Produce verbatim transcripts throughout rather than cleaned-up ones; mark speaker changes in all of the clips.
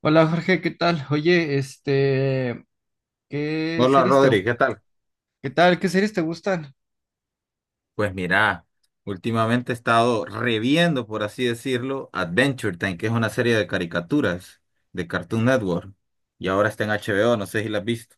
Speaker 1: Hola Jorge, ¿qué tal? Oye, este, ¿qué
Speaker 2: Hola
Speaker 1: series te,
Speaker 2: Rodri, ¿qué tal?
Speaker 1: qué tal? ¿Qué series te gustan?
Speaker 2: Pues mira, últimamente he estado reviendo, por así decirlo, Adventure Time, que es una serie de caricaturas de Cartoon Network. Y ahora está en H B O, no sé si la has visto.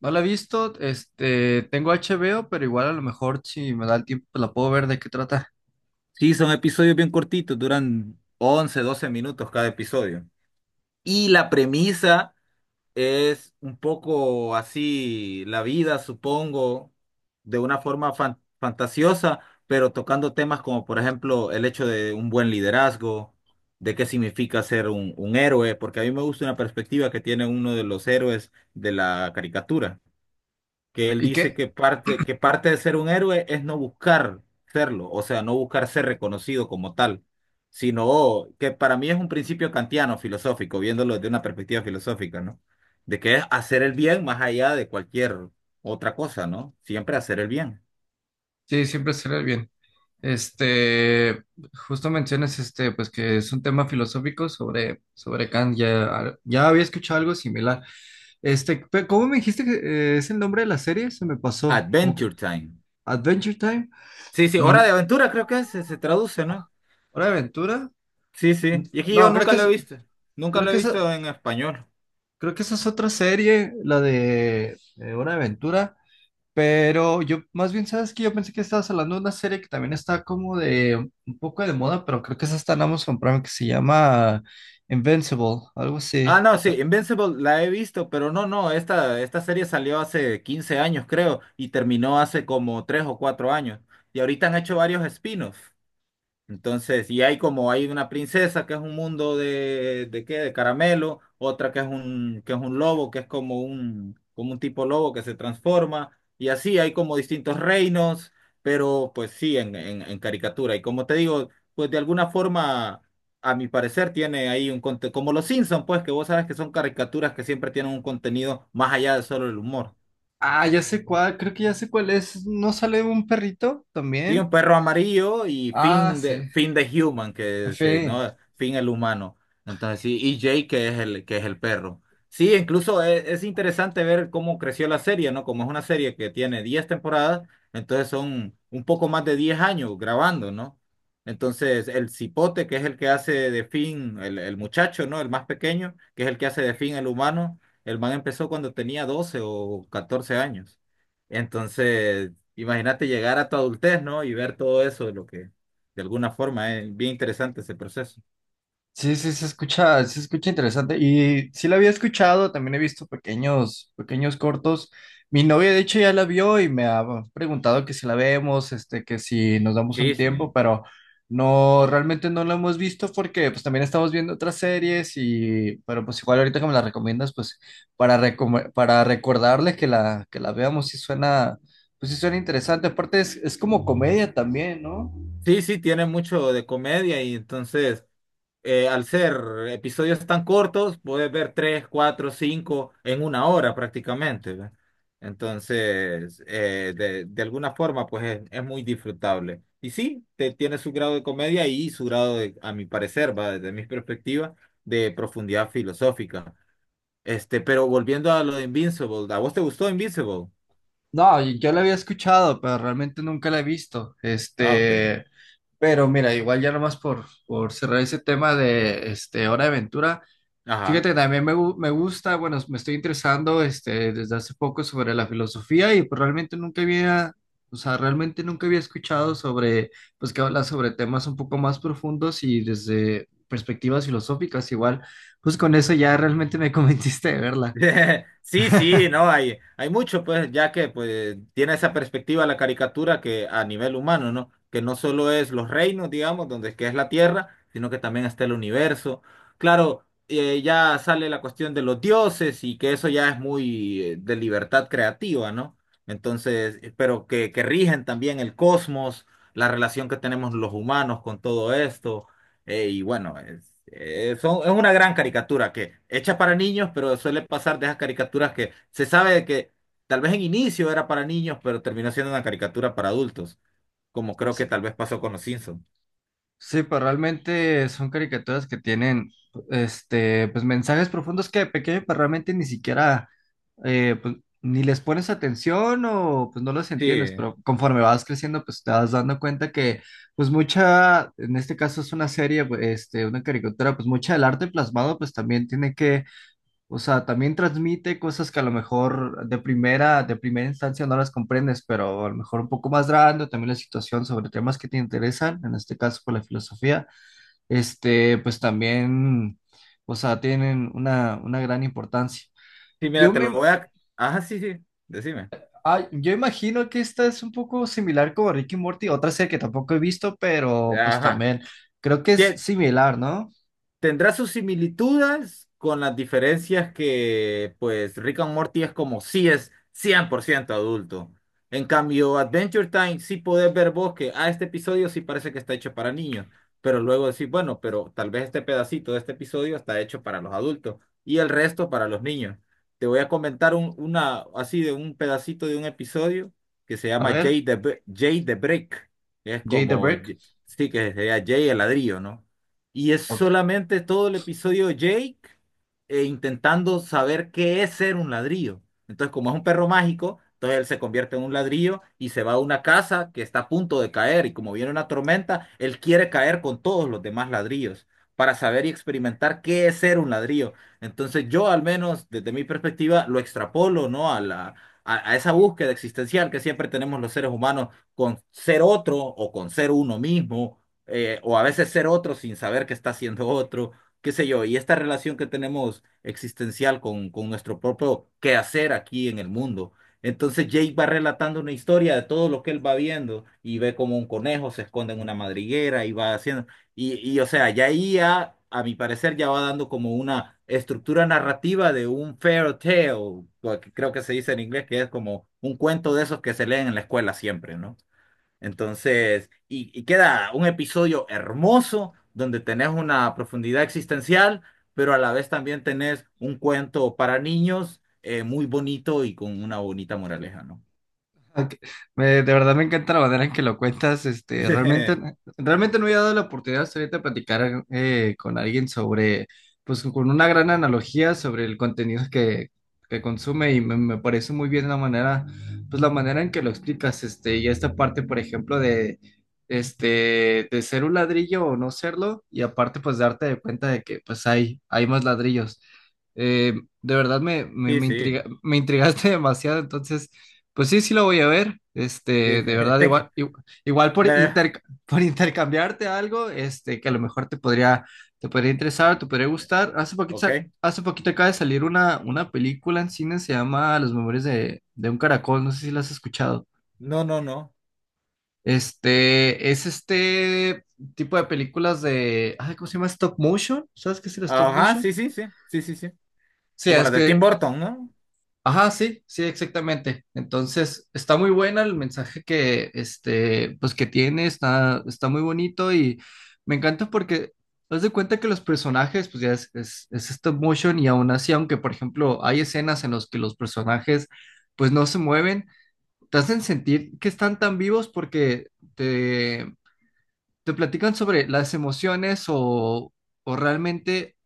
Speaker 1: No la he visto, este, tengo H B O, pero igual a lo mejor si me da el tiempo pues la puedo ver de qué trata.
Speaker 2: Sí, son episodios bien cortitos, duran once, doce minutos cada episodio. Y la premisa es un poco así la vida, supongo, de una forma fan- fantasiosa, pero tocando temas como, por ejemplo, el hecho de un buen liderazgo, de qué significa ser un, un héroe, porque a mí me gusta una perspectiva que tiene uno de los héroes de la caricatura que él
Speaker 1: ¿Y
Speaker 2: dice
Speaker 1: qué?
Speaker 2: que parte, que parte de ser un héroe es no buscar serlo, o sea, no buscar ser reconocido como tal, sino que para mí es un principio kantiano filosófico, viéndolo desde una perspectiva filosófica, ¿no? De que es hacer el bien más allá de cualquier otra cosa, ¿no? Siempre hacer el bien.
Speaker 1: Sí, siempre sale bien. Este, justo mencionas este, pues que es un tema filosófico sobre, sobre Kant, ya, ya había escuchado algo similar. Este, pe- ¿cómo me dijiste que eh, es el nombre de la serie? Se me pasó, como que
Speaker 2: Adventure Time.
Speaker 1: Adventure Time.
Speaker 2: Sí, sí, Hora
Speaker 1: Mm,
Speaker 2: de Aventura creo que se, se traduce, ¿no?
Speaker 1: Hora de Aventura.
Speaker 2: Sí, sí. Y es que yo
Speaker 1: No, creo
Speaker 2: nunca
Speaker 1: que
Speaker 2: lo he
Speaker 1: es,
Speaker 2: visto. Nunca
Speaker 1: creo
Speaker 2: lo he
Speaker 1: que
Speaker 2: visto
Speaker 1: esa,
Speaker 2: en español.
Speaker 1: creo que esa es otra serie, la de eh, Hora de Aventura. Pero yo, más bien, ¿sabes que yo pensé que estabas hablando de una serie que también está como de un poco de moda, pero creo que esa está en Amazon Prime, que se llama Invincible, algo
Speaker 2: Ah,
Speaker 1: así.
Speaker 2: no, sí,
Speaker 1: Ta-
Speaker 2: Invincible la he visto, pero no, no, esta, esta serie salió hace quince años, creo, y terminó hace como tres o cuatro años. Y ahorita han hecho varios spin-offs. Entonces, y hay como hay una princesa que es un mundo de, de qué, de caramelo, otra que es un, que es un lobo, que es como un, como un tipo lobo que se transforma, y así hay como distintos reinos, pero pues sí, en, en, en caricatura. Y como te digo, pues de alguna forma, a mi parecer, tiene ahí un contenido, como los Simpsons, pues que vos sabes que son caricaturas que siempre tienen un contenido más allá de solo el humor.
Speaker 1: Ah, ya sé cuál, creo que ya sé cuál es. ¿No sale un perrito
Speaker 2: Sí, un
Speaker 1: también?
Speaker 2: perro amarillo y
Speaker 1: Ah,
Speaker 2: Finn de
Speaker 1: sí.
Speaker 2: Finn the Human,
Speaker 1: En
Speaker 2: que se,
Speaker 1: fin.
Speaker 2: ¿no? Finn el humano. Entonces sí, y Jake que es el que es el perro. Sí, incluso es, es interesante ver cómo creció la serie, ¿no? Como es una serie que tiene diez temporadas, entonces son un poco más de diez años grabando, ¿no? Entonces el cipote, que es el que hace de Finn, el, el muchacho, ¿no? El más pequeño, que es el que hace de Finn el humano, el man empezó cuando tenía doce o catorce años. Entonces, imagínate llegar a tu adultez, ¿no? Y ver todo eso, de lo que de alguna forma es bien interesante ese proceso.
Speaker 1: Sí, sí, se escucha, se escucha interesante. Y sí la había escuchado, también he visto pequeños, pequeños cortos. Mi novia, de hecho, ya la vio y me ha preguntado que si la vemos, este, que si nos damos
Speaker 2: Sí,
Speaker 1: un tiempo,
Speaker 2: sí.
Speaker 1: pero no, realmente no la hemos visto porque pues también estamos viendo otras series y, pero pues igual ahorita que me la recomiendas, pues para, recome- para recordarle que la, que la veamos, sí suena, pues sí suena interesante. Aparte es, es como comedia también, ¿no?
Speaker 2: Sí, sí, tiene mucho de comedia y entonces, eh, al ser episodios tan cortos, puedes ver tres, cuatro, cinco en una hora prácticamente, ¿ve? Entonces, eh, de, de alguna forma, pues es, es muy disfrutable. Y sí, te, tiene su grado de comedia y su grado de, a mi parecer, va desde mi perspectiva, de profundidad filosófica. Este, pero volviendo a lo de Invincible, ¿a vos te gustó Invincible?
Speaker 1: No, y yo la había escuchado, pero realmente nunca la he visto.
Speaker 2: Ah, ok.
Speaker 1: Este, pero mira, igual ya nomás por, por cerrar ese tema de este, Hora de Aventura.
Speaker 2: Ajá.
Speaker 1: Fíjate, también me, gu- me gusta, bueno, me estoy interesando este, desde hace poco sobre la filosofía y pues, realmente nunca había, o sea, realmente nunca había escuchado sobre, pues que habla sobre temas un poco más profundos y desde perspectivas filosóficas igual, pues con eso ya realmente me convenciste de verla.
Speaker 2: Sí, sí, no, hay, hay mucho, pues, ya que pues tiene esa perspectiva la caricatura que a nivel humano, ¿no? Que no solo es los reinos, digamos, donde es que es la Tierra, sino que también está el universo. Claro, eh, ya sale la cuestión de los dioses y que eso ya es muy eh, de libertad creativa, ¿no? Entonces, eh, pero que, que rigen también el cosmos, la relación que tenemos los humanos con todo esto, eh, y bueno, eh, son, es una gran caricatura que hecha para niños, pero suele pasar de esas caricaturas que se sabe que tal vez en inicio era para niños, pero terminó siendo una caricatura para adultos, como creo que tal vez pasó con los Simpsons.
Speaker 1: Sí, pues realmente son caricaturas que tienen, este, pues mensajes profundos que de pequeño, pues realmente ni siquiera, eh, pues ni les pones atención o pues no los entiendes,
Speaker 2: Sí,
Speaker 1: pero conforme vas creciendo, pues te vas dando cuenta que, pues mucha, en este caso es una serie, pues, este, una caricatura, pues mucha del arte plasmado, pues también tiene que o sea, también transmite cosas que a lo mejor de primera, de primera instancia no las comprendes, pero a lo mejor un poco más grande, también la situación sobre temas que te interesan, en este caso por la filosofía, este, pues también, o sea, tienen una, una gran importancia.
Speaker 2: sí, mira,
Speaker 1: Yo
Speaker 2: te lo
Speaker 1: me,
Speaker 2: voy a... Ajá, sí, sí, decime.
Speaker 1: ah, yo imagino que esta es un poco similar como Ricky y Morty, otra serie que tampoco he visto, pero pues
Speaker 2: Ajá.
Speaker 1: también creo que es
Speaker 2: Tie-
Speaker 1: similar, ¿no?
Speaker 2: Tendrá sus similitudes con las diferencias que, pues, Rick and Morty es como si es cien por ciento adulto. En cambio, Adventure Time sí podés ver vos que a este episodio sí parece que está hecho para niños, pero luego decís, bueno, pero tal vez este pedacito de este episodio está hecho para los adultos y el resto para los niños. Te voy a comentar un, una, así de un pedacito de un episodio que se
Speaker 1: A
Speaker 2: llama
Speaker 1: ver,
Speaker 2: Jay the, Bri- Jay the Brick. Es
Speaker 1: Jay the
Speaker 2: como,
Speaker 1: Brick,
Speaker 2: sí que sería Jay el ladrillo, ¿no? Y es
Speaker 1: ok.
Speaker 2: solamente todo el episodio de Jake eh, intentando saber qué es ser un ladrillo. Entonces, como es un perro mágico, entonces él se convierte en un ladrillo y se va a una casa que está a punto de caer. Y como viene una tormenta, él quiere caer con todos los demás ladrillos para saber y experimentar qué es ser un ladrillo. Entonces, yo al menos desde mi perspectiva lo extrapolo, ¿no? A la, a, a esa búsqueda existencial que siempre tenemos los seres humanos con ser otro o con ser uno mismo eh, o a veces ser otro sin saber que está siendo otro, qué sé yo, y esta relación que tenemos existencial con, con nuestro propio quehacer aquí en el mundo. Entonces Jake va relatando una historia de todo lo que él va viendo y ve como un conejo se esconde en una madriguera y va haciendo, y, y o sea, ya ahí ya, a mi parecer ya va dando como una estructura narrativa de un fairy tale, o que creo que se dice en inglés, que es como un cuento de esos que se leen en la escuela siempre, ¿no? Entonces, y, y queda un episodio hermoso donde tenés una profundidad existencial, pero a la vez también tenés un cuento para niños eh, muy bonito y con una bonita moraleja, ¿no?
Speaker 1: Ok. Me- de verdad me encanta la manera en que lo cuentas. Este, realmente, realmente no había dado la oportunidad hasta ahorita de platicar eh, con alguien sobre, pues con una gran analogía sobre el contenido que, que consume y me, me parece muy bien la manera, pues la manera en que lo explicas. Este, y esta parte, por ejemplo, de, este, de ser un ladrillo o no serlo y aparte, pues darte de cuenta de que, pues hay, hay más ladrillos. Eh, de verdad me, me,
Speaker 2: Sí,
Speaker 1: me
Speaker 2: sí,
Speaker 1: intriga, me intrigaste demasiado, entonces. Pues sí, sí lo voy a ver.
Speaker 2: sí,
Speaker 1: Este,
Speaker 2: sí.
Speaker 1: de verdad,
Speaker 2: Te-
Speaker 1: igual, igu- igual, por
Speaker 2: me-
Speaker 1: inter- por intercambiarte algo, este, que a lo mejor te podría, te podría interesar, te podría gustar. Hace poquito, sa-
Speaker 2: ok.
Speaker 1: hace poquito acaba de salir una, una película en cine, se llama Los Memorias de, de un Caracol, no sé si la has escuchado.
Speaker 2: No, no, no.
Speaker 1: Este, es este tipo de películas de, ay, ¿cómo se llama? Stop motion. ¿Sabes qué es el stop
Speaker 2: Ajá,
Speaker 1: motion?
Speaker 2: sí, sí, sí, sí, sí, sí.
Speaker 1: Sí,
Speaker 2: Como
Speaker 1: es
Speaker 2: las de Tim
Speaker 1: que
Speaker 2: Burton, ¿no?
Speaker 1: ajá, sí, sí, exactamente. Entonces, está muy buena el mensaje que, este, pues que tiene, está, está muy bonito y me encanta porque haz de cuenta que los personajes, pues ya es, es, es stop motion y aún así, aunque por ejemplo hay escenas en las que los personajes pues no se mueven, te hacen sentir que están tan vivos porque te, te platican sobre las emociones o, o realmente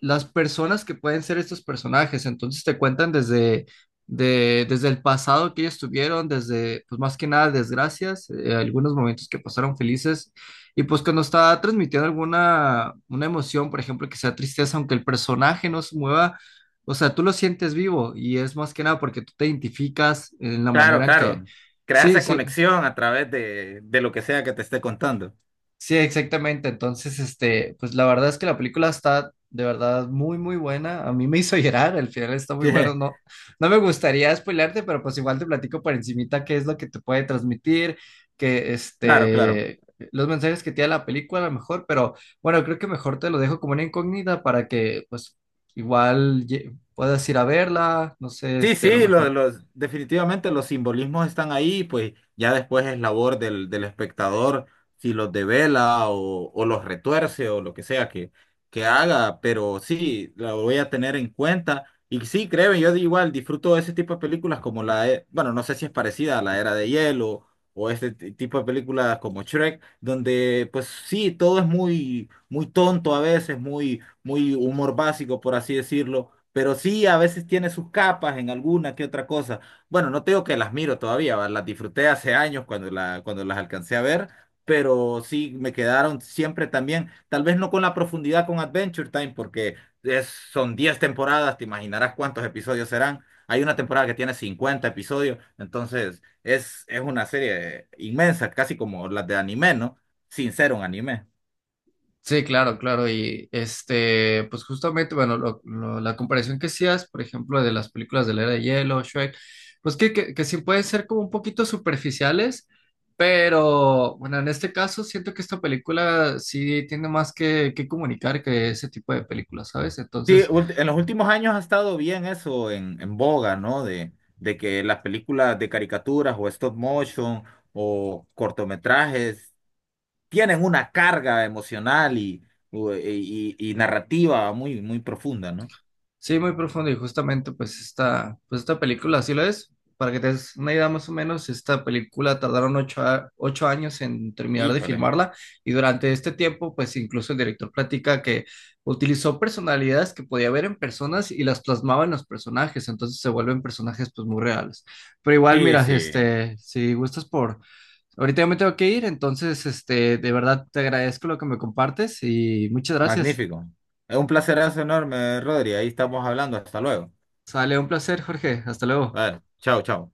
Speaker 1: las personas que pueden ser estos personajes. Entonces te cuentan desde, de, desde el pasado que ellos tuvieron, desde, pues más que nada, desgracias, eh, algunos momentos que pasaron felices. Y pues cuando está transmitiendo alguna una emoción, por ejemplo, que sea tristeza, aunque el personaje no se mueva, o sea, tú lo sientes vivo y es más que nada porque tú te identificas en la
Speaker 2: Claro,
Speaker 1: manera en que...
Speaker 2: claro. Crea
Speaker 1: Sí,
Speaker 2: esa
Speaker 1: sí,
Speaker 2: conexión a través de, de lo que sea que te esté contando.
Speaker 1: sí, exactamente. Entonces, este, pues la verdad es que la película está de verdad muy, muy buena. A mí me hizo llorar, el final está muy
Speaker 2: Sí,
Speaker 1: bueno. No, no me gustaría spoilearte, pero pues igual te platico por encimita qué es lo que te puede transmitir, que
Speaker 2: claro, claro.
Speaker 1: este, los mensajes que tiene la película a lo mejor, pero bueno, creo que mejor te lo dejo como una incógnita para que pues igual ye- puedas ir a verla, no sé,
Speaker 2: Sí,
Speaker 1: este, a lo
Speaker 2: sí, los,
Speaker 1: mejor.
Speaker 2: los, definitivamente los simbolismos están ahí, pues ya después es labor del, del espectador si los devela o, o los retuerce o lo que sea que, que haga, pero sí, lo voy a tener en cuenta. Y sí, créeme, yo de igual disfruto de ese tipo de películas como la, e- bueno, no sé si es parecida a La Era de Hielo o este ti- tipo de películas como Shrek, donde pues sí, todo es muy, muy tonto a veces, muy, muy humor básico, por así decirlo, pero sí, a veces tiene sus capas en alguna que otra cosa. Bueno, no te digo que las miro todavía, ¿va? Las disfruté hace años cuando, la, cuando las alcancé a ver, pero sí me quedaron siempre también, tal vez no con la profundidad con Adventure Time, porque es, son diez temporadas, te imaginarás cuántos episodios serán. Hay una temporada que tiene cincuenta episodios, entonces es, es una serie inmensa, casi como las de anime, ¿no? Sin ser un anime.
Speaker 1: Sí, claro, claro. Y este, pues justamente, bueno, lo- lo- la comparación que hacías, por ejemplo, de las películas de la Era de Hielo, Shrek, pues que, que, que sí pueden ser como un poquito superficiales, pero bueno, en este caso siento que esta película sí tiene más que, que comunicar que ese tipo de películas, ¿sabes?
Speaker 2: Sí,
Speaker 1: Entonces,
Speaker 2: ult- en los últimos años ha estado bien eso en, en boga, ¿no? De, de que las películas de caricaturas o stop motion o cortometrajes tienen una carga emocional y, u- y, y- y narrativa muy, muy profunda, ¿no?
Speaker 1: sí, muy profundo y justamente pues esta, pues esta película así lo es. Para que te des una idea más o menos, esta película tardaron ocho, a- ocho años en terminar de
Speaker 2: Híjole.
Speaker 1: filmarla y durante este tiempo pues incluso el director platica que utilizó personalidades que podía ver en personas y las plasmaba en los personajes, entonces se vuelven personajes pues muy reales. Pero igual,
Speaker 2: Sí,
Speaker 1: mira,
Speaker 2: sí.
Speaker 1: este, si gustas por... Ahorita ya me tengo que ir, entonces este, de verdad te agradezco lo que me compartes y muchas gracias.
Speaker 2: Magnífico. Es un placerazo enorme, Rodri. Ahí estamos hablando. Hasta luego.
Speaker 1: Sale un placer, Jorge. Hasta luego.
Speaker 2: Vale. Chao, chao.